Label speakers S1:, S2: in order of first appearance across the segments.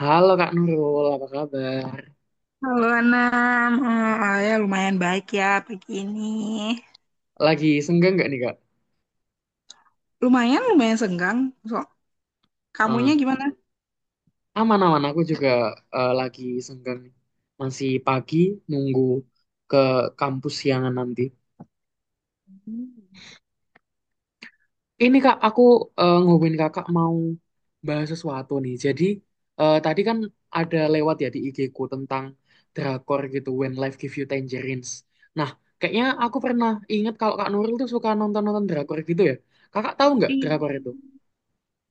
S1: Halo Kak Nurul, apa kabar?
S2: Halo Anam. Ya lumayan baik ya pagi ini.
S1: Lagi senggang nggak nih Kak?
S2: Lumayan, lumayan senggang. So, kamunya
S1: Eh,
S2: gimana?
S1: Aman-aman, aku juga lagi senggang nih. Masih pagi, nunggu ke kampus siangan nanti. Ini Kak, aku ngomongin Kakak mau bahas sesuatu nih. Jadi tadi kan ada lewat ya di IG-ku tentang drakor gitu, When Life Give You Tangerines. Nah, kayaknya aku pernah ingat kalau Kak Nurul tuh suka nonton-nonton drakor gitu ya. Kakak tahu nggak drakor
S2: Iya.
S1: itu?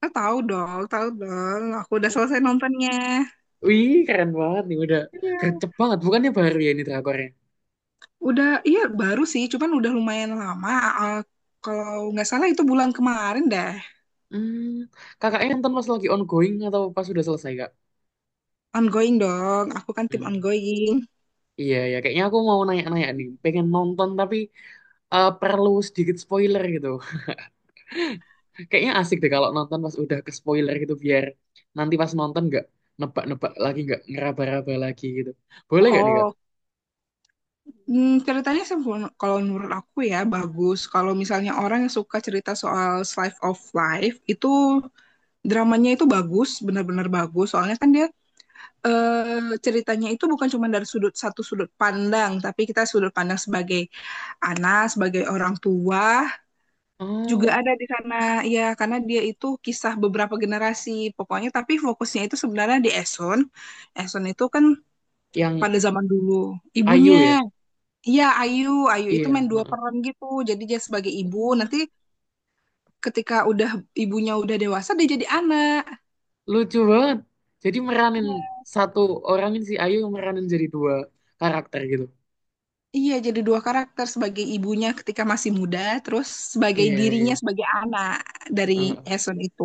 S2: Tahu dong, tahu dong. Aku udah selesai nontonnya.
S1: Wih, keren banget nih, udah
S2: Iya.
S1: gercep banget. Bukannya baru ya ini drakornya?
S2: Udah, iya baru sih, cuman udah lumayan lama. Ah, Kalau nggak salah itu bulan kemarin deh.
S1: Hmm, kakaknya nonton pas lagi ongoing atau pas sudah selesai, Kak?
S2: Ongoing dong, aku kan tim
S1: Hmm,
S2: ongoing.
S1: iya, ya. Kayaknya aku mau nanya-nanya nih. Pengen nonton tapi perlu sedikit spoiler gitu. Kayaknya asik deh kalau nonton pas udah ke spoiler gitu biar nanti pas nonton nggak nebak-nebak lagi, nggak ngeraba-raba lagi gitu. Boleh nggak nih, Kak?
S2: Oh, hmm, ceritanya sih kalau menurut aku ya bagus. Kalau misalnya orang yang suka cerita soal slice of life itu dramanya itu bagus, benar-benar bagus. Soalnya kan dia ceritanya itu bukan cuma dari satu sudut pandang, tapi kita sudut pandang sebagai anak, sebagai orang tua juga
S1: Oh,
S2: ada di sana. Ya, karena dia itu kisah beberapa generasi. Pokoknya tapi fokusnya itu sebenarnya di Eson. Eson itu kan
S1: yang
S2: pada zaman dulu ibunya.
S1: Ayu ya?
S2: Iya, Ayu, Ayu itu
S1: Iya,
S2: main dua peran gitu. Jadi dia sebagai ibu,
S1: heeh.
S2: nanti ketika udah ibunya udah dewasa dia jadi anak.
S1: Lucu banget. Jadi meranin
S2: Iya,
S1: satu orang ini si Ayu meranin jadi dua karakter gitu.
S2: iya, jadi dua karakter sebagai ibunya ketika masih muda, terus sebagai
S1: Iya, iya.
S2: dirinya sebagai anak dari
S1: Heeh.
S2: Esun itu.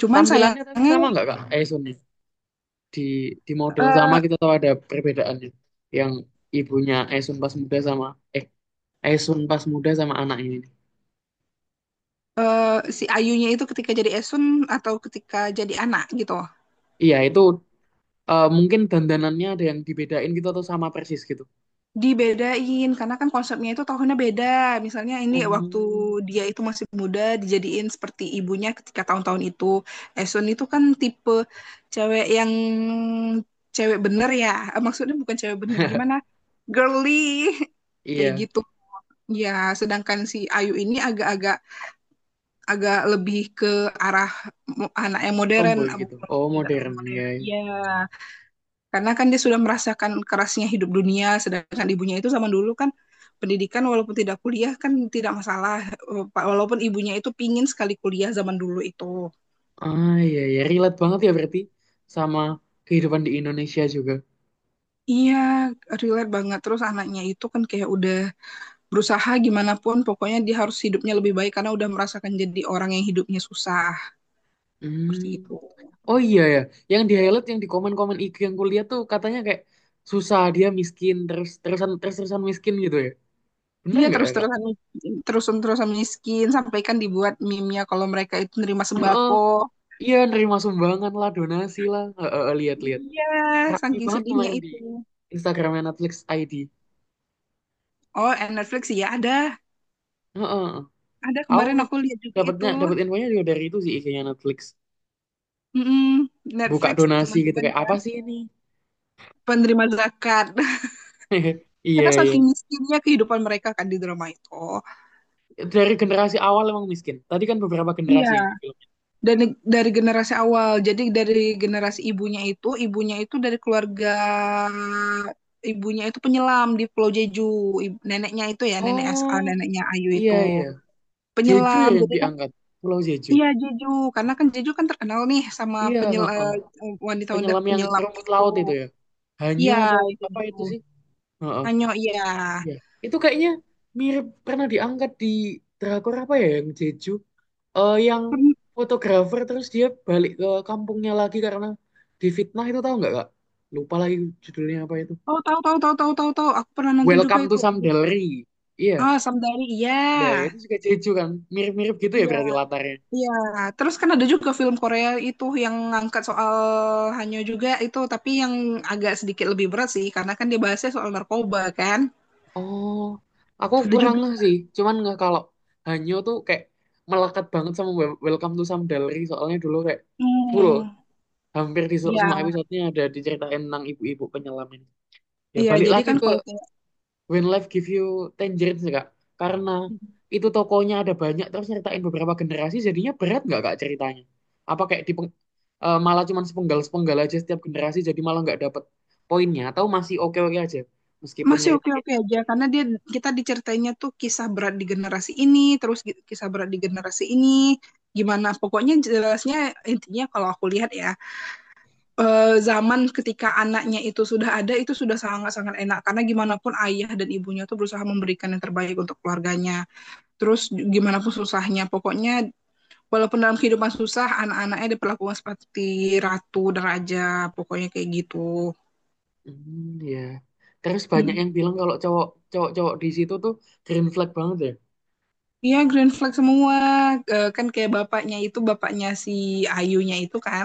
S2: Cuman
S1: Tampilannya tapi
S2: sayangnya
S1: sama nggak Kak Esun, di di model sama
S2: eh,
S1: kita tahu ada perbedaannya. Yang ibunya Esun pas muda sama eh Esun pas muda sama anak ini.
S2: si Ayunya itu ketika jadi Esun atau ketika jadi anak gitu.
S1: Iya, itu mungkin dandanannya ada yang dibedain gitu atau sama persis gitu.
S2: Dibedain karena kan konsepnya itu tahunnya beda. Misalnya ini waktu
S1: Hmm.
S2: dia itu masih muda dijadiin seperti ibunya ketika tahun-tahun itu. Esun itu kan tipe cewek yang cewek bener ya. Eh, maksudnya bukan cewek bener gimana? Girly kayak
S1: Iya,
S2: gitu. Ya, sedangkan si Ayu ini agak-agak agak lebih ke arah anak yang modern,
S1: tomboy gitu. Oh,
S2: tidak terlalu
S1: modern ya.
S2: modern. Ya, karena kan dia sudah merasakan kerasnya hidup dunia, sedangkan ibunya itu zaman dulu kan pendidikan walaupun tidak kuliah kan tidak masalah. Eh, Walaupun ibunya itu pingin sekali kuliah zaman dulu itu.
S1: Ah, iya ya, relate banget ya berarti sama kehidupan di Indonesia juga.
S2: Iya, relate banget. Terus anaknya itu kan kayak udah berusaha gimana pun, pokoknya dia harus hidupnya lebih baik karena udah merasakan jadi orang yang hidupnya susah, seperti
S1: Hmm.
S2: itu.
S1: Oh iya ya, yang di highlight yang di komen-komen IG yang kuliah tuh katanya kayak susah, dia miskin terus terusan miskin gitu ya. Bener
S2: Iya,
S1: nggak ya Kak?
S2: terus-terusan terus-terusan miskin, sampai kan dibuat meme-nya kalau mereka itu nerima
S1: Heeh,
S2: sembako.
S1: iya nerima sumbangan lah donasi lah. Heeh, lihat-lihat.
S2: Iya,
S1: Rapi
S2: saking
S1: banget
S2: sedihnya
S1: kemarin di
S2: itu.
S1: Instagramnya Netflix ID.
S2: Oh, eh, Netflix ya ada.
S1: Heeh.
S2: Ada
S1: Aku
S2: kemarin
S1: nge-
S2: aku lihat juga itu.
S1: dapatnya dapat infonya juga dari itu sih, IG-nya Netflix.
S2: Mm-mm,
S1: Buka
S2: Netflix
S1: donasi gitu
S2: teman-teman
S1: kayak apa
S2: kan
S1: sih ini?
S2: penerima zakat.
S1: Iya,
S2: Karena
S1: iya.
S2: saking miskinnya kehidupan mereka kan di drama itu.
S1: Dari generasi awal emang miskin. Tadi kan beberapa
S2: Iya.
S1: generasi yang di film.
S2: Dan dari generasi awal. Jadi dari generasi ibunya itu dari keluarga ibunya itu penyelam di Pulau Jeju. Neneknya itu ya, nenek SA,
S1: Oh,
S2: neneknya Ayu
S1: iya
S2: itu
S1: iya. Jeju ya
S2: penyelam.
S1: yang
S2: Jadi kan
S1: diangkat. Pulau Jeju.
S2: iya Jeju, karena kan Jeju kan terkenal nih sama
S1: Iya, heeh.
S2: wanita-wanita
S1: Penyelam yang
S2: penyelam
S1: rumput
S2: itu.
S1: laut itu ya. Hanya
S2: Iya,
S1: apa,
S2: itu
S1: apa
S2: gitu.
S1: itu sih? Heeh.
S2: Hanyo, iya.
S1: Iya. Itu kayaknya mirip pernah diangkat di drakor apa ya yang Jeju? Yang
S2: Pern-
S1: fotografer terus dia balik ke kampungnya lagi karena difitnah, itu tahu nggak Kak? Lupa lagi judulnya apa itu.
S2: Oh, tahu tahu tahu tahu tahu tahu. Aku pernah nonton juga
S1: Welcome to
S2: itu.
S1: Samdalri. Iya.
S2: Ah, Samdari. Iya.
S1: Iya, itu juga Jeju kan. Mirip-mirip gitu ya
S2: Iya,
S1: berarti latarnya.
S2: iya. Terus kan ada juga film Korea itu yang ngangkat soal Hanyo juga itu, tapi yang agak sedikit lebih berat sih karena kan dia bahasnya soal narkoba kan.
S1: Oh, aku
S2: Ada
S1: kurang
S2: juga.
S1: ngeh sih. Cuman nggak, kalau Hanyo tuh kayak melekat banget sama Welcome to Samdalri. Soalnya dulu kayak full.
S2: Hmm.
S1: Hampir di se-
S2: Iya,
S1: semua episodenya ada diceritain tentang ibu-ibu penyelam ini. Ya
S2: iya.
S1: balik
S2: Jadi
S1: lagi
S2: kan
S1: ke
S2: kalau kayak
S1: When Life Give You Tangerines nggak Kak? Karena itu tokonya ada banyak terus nyeritain beberapa generasi, jadinya berat nggak Kak ceritanya? Apa kayak di malah cuman sepenggal-sepenggal aja setiap generasi jadi malah nggak dapet poinnya, atau masih oke-oke aja meskipun
S2: masih
S1: nyeritain,
S2: oke-oke aja karena dia kita diceritainnya tuh kisah berat di generasi ini terus kisah berat di generasi ini gimana pokoknya jelasnya intinya kalau aku lihat ya, zaman ketika anaknya itu sudah ada itu sudah sangat-sangat enak karena gimana pun ayah dan ibunya tuh berusaha memberikan yang terbaik untuk keluarganya, terus gimana pun susahnya pokoknya walaupun dalam kehidupan susah anak-anaknya diperlakukan seperti ratu dan raja pokoknya kayak gitu.
S1: ya. Terus banyak yang bilang kalau cowok-cowok di situ tuh green flag banget ya.
S2: Iya, green flag semua. Eh, kan kayak bapaknya itu, bapaknya si Ayunya itu kan,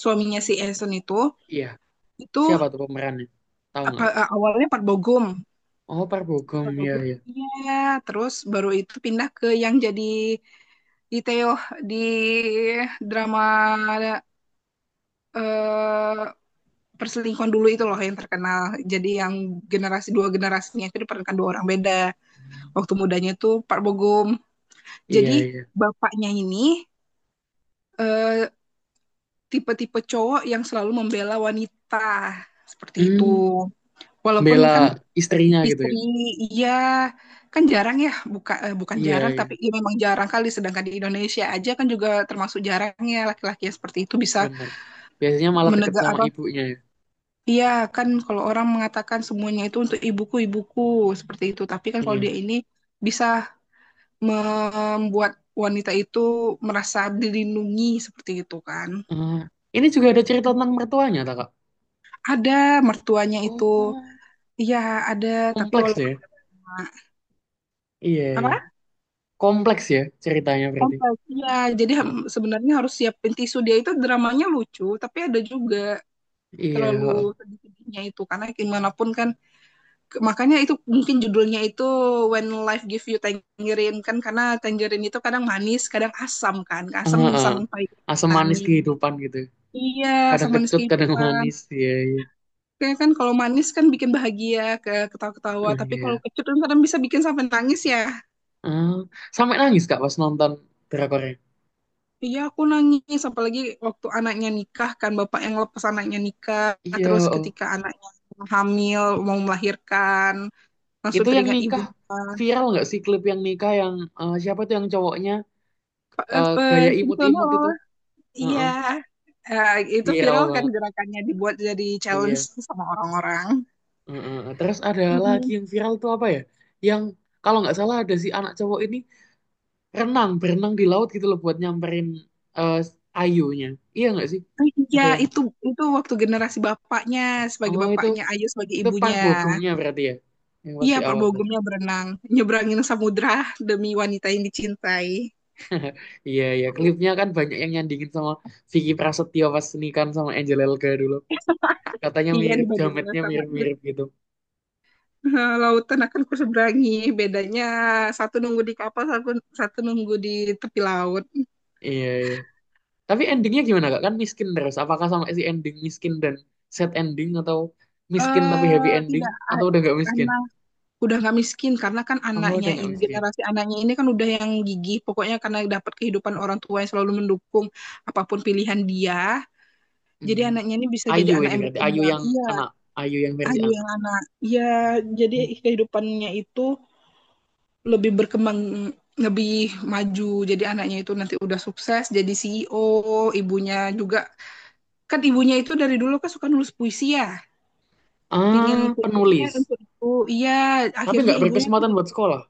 S2: suaminya si Eason
S1: Iya.
S2: itu
S1: Siapa tuh pemerannya? Tahu nggak
S2: apa
S1: Kak?
S2: awalnya Pak Bogum.
S1: Oh, Park Bo
S2: Pak
S1: Gum ya,
S2: Bogum,
S1: ya.
S2: iya. Terus baru itu pindah ke yang jadi di Teo di drama eh, perselingkuhan dulu itu loh yang terkenal. Jadi yang dua generasinya itu diperankan dua orang beda. Waktu mudanya itu Pak Bogum.
S1: Iya,
S2: Jadi
S1: iya.
S2: bapaknya ini eh, tipe-tipe cowok yang selalu membela wanita seperti itu.
S1: Hmm,
S2: Walaupun
S1: bela
S2: kan
S1: istrinya gitu ya.
S2: istri iya kan jarang ya bukan
S1: Iya,
S2: jarang
S1: iya.
S2: tapi ya memang jarang kali, sedangkan di Indonesia aja kan juga termasuk jarangnya laki-laki yang seperti itu bisa
S1: Bener. Biasanya malah deket
S2: menegak
S1: sama
S2: apa
S1: ibunya ya.
S2: iya kan kalau orang mengatakan semuanya itu untuk ibuku ibuku seperti itu, tapi kan kalau
S1: Iya.
S2: dia ini bisa membuat wanita itu merasa dilindungi seperti itu kan.
S1: Ah, ini juga ada cerita tentang mertuanya, tak, Kak?
S2: Ada mertuanya
S1: Oh,
S2: itu. Iya, ada, tapi
S1: kompleks
S2: walaupun
S1: ya. Iya, iya.
S2: apa?
S1: Kompleks ya ceritanya berarti.
S2: Kompleks. Iya, jadi
S1: Heeh.
S2: sebenarnya harus siapin tisu. Dia itu dramanya lucu, tapi ada juga
S1: Iya,
S2: terlalu
S1: heeh.
S2: sedih-sedihnya itu karena gimana pun kan makanya itu mungkin judulnya itu When Life Give You Tangerine kan karena tangerine itu kadang manis, kadang asam kan. Asam
S1: Heeh.
S2: sampai
S1: Asam manis
S2: nangis.
S1: kehidupan gitu.
S2: Iya,
S1: Kadang
S2: sama manis
S1: kecut, kadang
S2: kehidupan.
S1: manis. Iya, iya.
S2: Kayak kan kalau manis kan bikin bahagia, ketawa-ketawa, tapi kalau
S1: Iya.
S2: kecut kan kadang bisa bikin sampai nangis ya.
S1: Ah, sampai nangis, Kak, pas nonton drakornya.
S2: Iya, aku nangis. Apalagi waktu anaknya nikah, kan bapak yang lepas anaknya nikah.
S1: Iya,
S2: Terus
S1: heeh.
S2: ketika anaknya hamil, mau melahirkan, langsung
S1: Itu yang
S2: teringat
S1: nikah,
S2: ibunya.
S1: viral nggak sih klip yang nikah yang siapa tuh yang cowoknya,
S2: Apa,
S1: gaya
S2: gitu
S1: imut-imut
S2: loh.
S1: itu?
S2: Iya.
S1: Heeh.
S2: Eh, itu
S1: Viral
S2: viral kan
S1: banget.
S2: gerakannya dibuat jadi challenge
S1: Iya.
S2: sama orang-orang.
S1: Heeh, terus ada lagi
S2: Mhm.
S1: yang viral tuh apa ya? Yang kalau nggak salah ada si anak cowok ini berenang di laut gitu loh buat nyamperin eh, ayunya. Iya nggak sih?
S2: Iya,
S1: Ada yang,
S2: itu waktu generasi bapaknya sebagai
S1: oh, itu,
S2: bapaknya, Ayu sebagai
S1: itu
S2: ibunya.
S1: Parbogemnya berarti ya? Yang pas
S2: Iya,
S1: di
S2: Pak
S1: awal tadi.
S2: Bogumnya berenang, nyebrangin samudra demi wanita yang dicintai.
S1: Iya, iya. Klipnya kan banyak yang nyandingin sama Vicky Prasetyo pas nikahan sama Angel Elga dulu. Katanya
S2: Iya
S1: mirip,
S2: dibandingin
S1: jametnya
S2: sama
S1: mirip-mirip gitu.
S2: lautan akan ku seberangi. Bedanya satu nunggu di kapal, satu nunggu di tepi laut.
S1: Iya, iya. Tapi endingnya gimana Kak? Kan miskin terus. Apakah sama si ending miskin dan sad ending, atau miskin tapi happy
S2: Eh
S1: ending,
S2: tidak,
S1: atau
S2: a-
S1: udah nggak miskin?
S2: Karena udah nggak miskin karena kan
S1: Oh,
S2: anaknya
S1: udah nggak
S2: ini
S1: miskin.
S2: generasi anaknya ini kan udah yang gigih. Pokoknya karena dapat kehidupan orang tua yang selalu mendukung apapun pilihan dia. Jadi
S1: Hmm.
S2: anaknya ini bisa jadi
S1: Ayu
S2: anak
S1: ini
S2: yang
S1: berarti Ayu
S2: berkembang.
S1: yang
S2: Iya,
S1: anak, Ayu yang versi
S2: Ayu
S1: anak.
S2: yang anak. Iya, jadi
S1: Hmm.
S2: kehidupannya itu lebih berkembang lebih maju, jadi anaknya itu nanti udah sukses jadi CEO, ibunya juga kan ibunya itu dari dulu kan suka nulis puisi ya, pingin
S1: Ah,
S2: kuliahnya
S1: penulis.
S2: untuk ibu, iya
S1: Tapi
S2: akhirnya
S1: nggak
S2: ibunya kan
S1: berkesempatan
S2: jadi
S1: buat sekolah.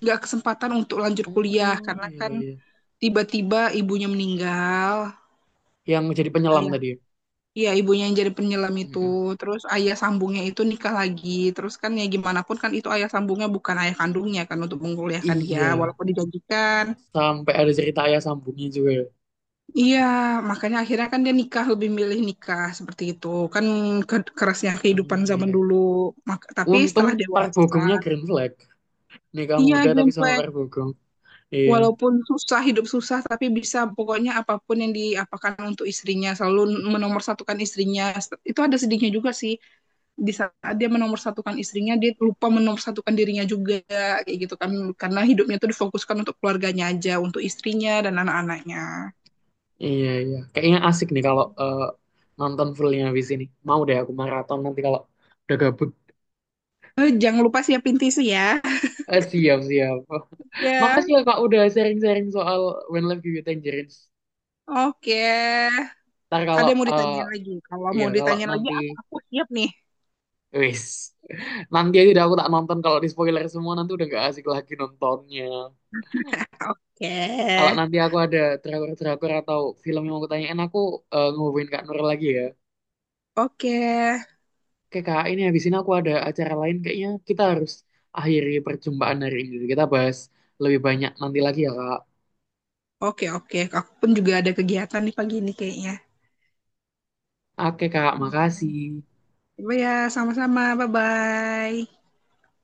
S2: nggak kesempatan untuk lanjut kuliah
S1: Oh
S2: karena
S1: iya
S2: kan
S1: iya.
S2: tiba-tiba ibunya meninggal.
S1: Yang jadi penyelam
S2: Ayah
S1: tadi, ya?
S2: iya ibunya yang jadi penyelam itu,
S1: Mm-mm.
S2: terus ayah sambungnya itu nikah lagi, terus kan ya gimana pun kan itu ayah sambungnya bukan ayah kandungnya kan untuk mengkuliahkan dia
S1: Iya.
S2: walaupun dijanjikan.
S1: Sampai ada cerita ayah sambungnya juga, ya?
S2: Iya, makanya akhirnya kan dia nikah lebih milih nikah seperti itu. Kan kerasnya kehidupan
S1: Oh,
S2: zaman
S1: iya.
S2: dulu. Tapi
S1: Untung
S2: setelah
S1: Park Bo
S2: dewasa,
S1: Gumnya green flag. Nikah
S2: iya
S1: muda tapi
S2: green
S1: sama
S2: flag.
S1: Park Bo Gum. Iya.
S2: Walaupun susah hidup susah tapi bisa pokoknya apapun yang diapakan untuk istrinya selalu menomorsatukan istrinya. Itu ada sedihnya juga sih. Di saat dia menomorsatukan istrinya, dia lupa menomorsatukan dirinya juga kayak gitu kan, karena hidupnya tuh difokuskan untuk keluarganya aja, untuk istrinya dan anak-anaknya.
S1: Iya, iya. Kayaknya asik nih kalau nonton fullnya habis ini. Mau deh aku maraton nanti kalau udah gabut.
S2: Eh, jangan lupa siapin tisu ya.
S1: Eh, siap, siap.
S2: Ya.
S1: Makasih ya Kak udah sharing-sharing soal When Life Gives You Tangerines.
S2: Oke,
S1: Ntar
S2: ada
S1: kalau,
S2: yang mau
S1: eh
S2: ditanya lagi? Kalau
S1: iya
S2: mau
S1: kalau
S2: ditanya lagi,
S1: nanti,
S2: aku siap nih.
S1: wis. Nanti aja, udah aku tak nonton, kalau di spoiler semua nanti udah gak asik lagi nontonnya.
S2: Oke,
S1: Kalau nanti aku ada drakor-drakor atau film yang mau aku tanyain, aku ngehubungin Kak Nur lagi ya.
S2: oke,
S1: Oke Kak, ini habis ini aku ada acara lain, kayaknya kita harus akhiri perjumpaan hari ini. Kita bahas lebih banyak nanti lagi ya Kak.
S2: oke. Aku pun juga ada kegiatan nih pagi ini kayaknya.
S1: Oke Kak,
S2: Hmm.
S1: makasih.
S2: Coba ya, sama-sama. Bye-bye.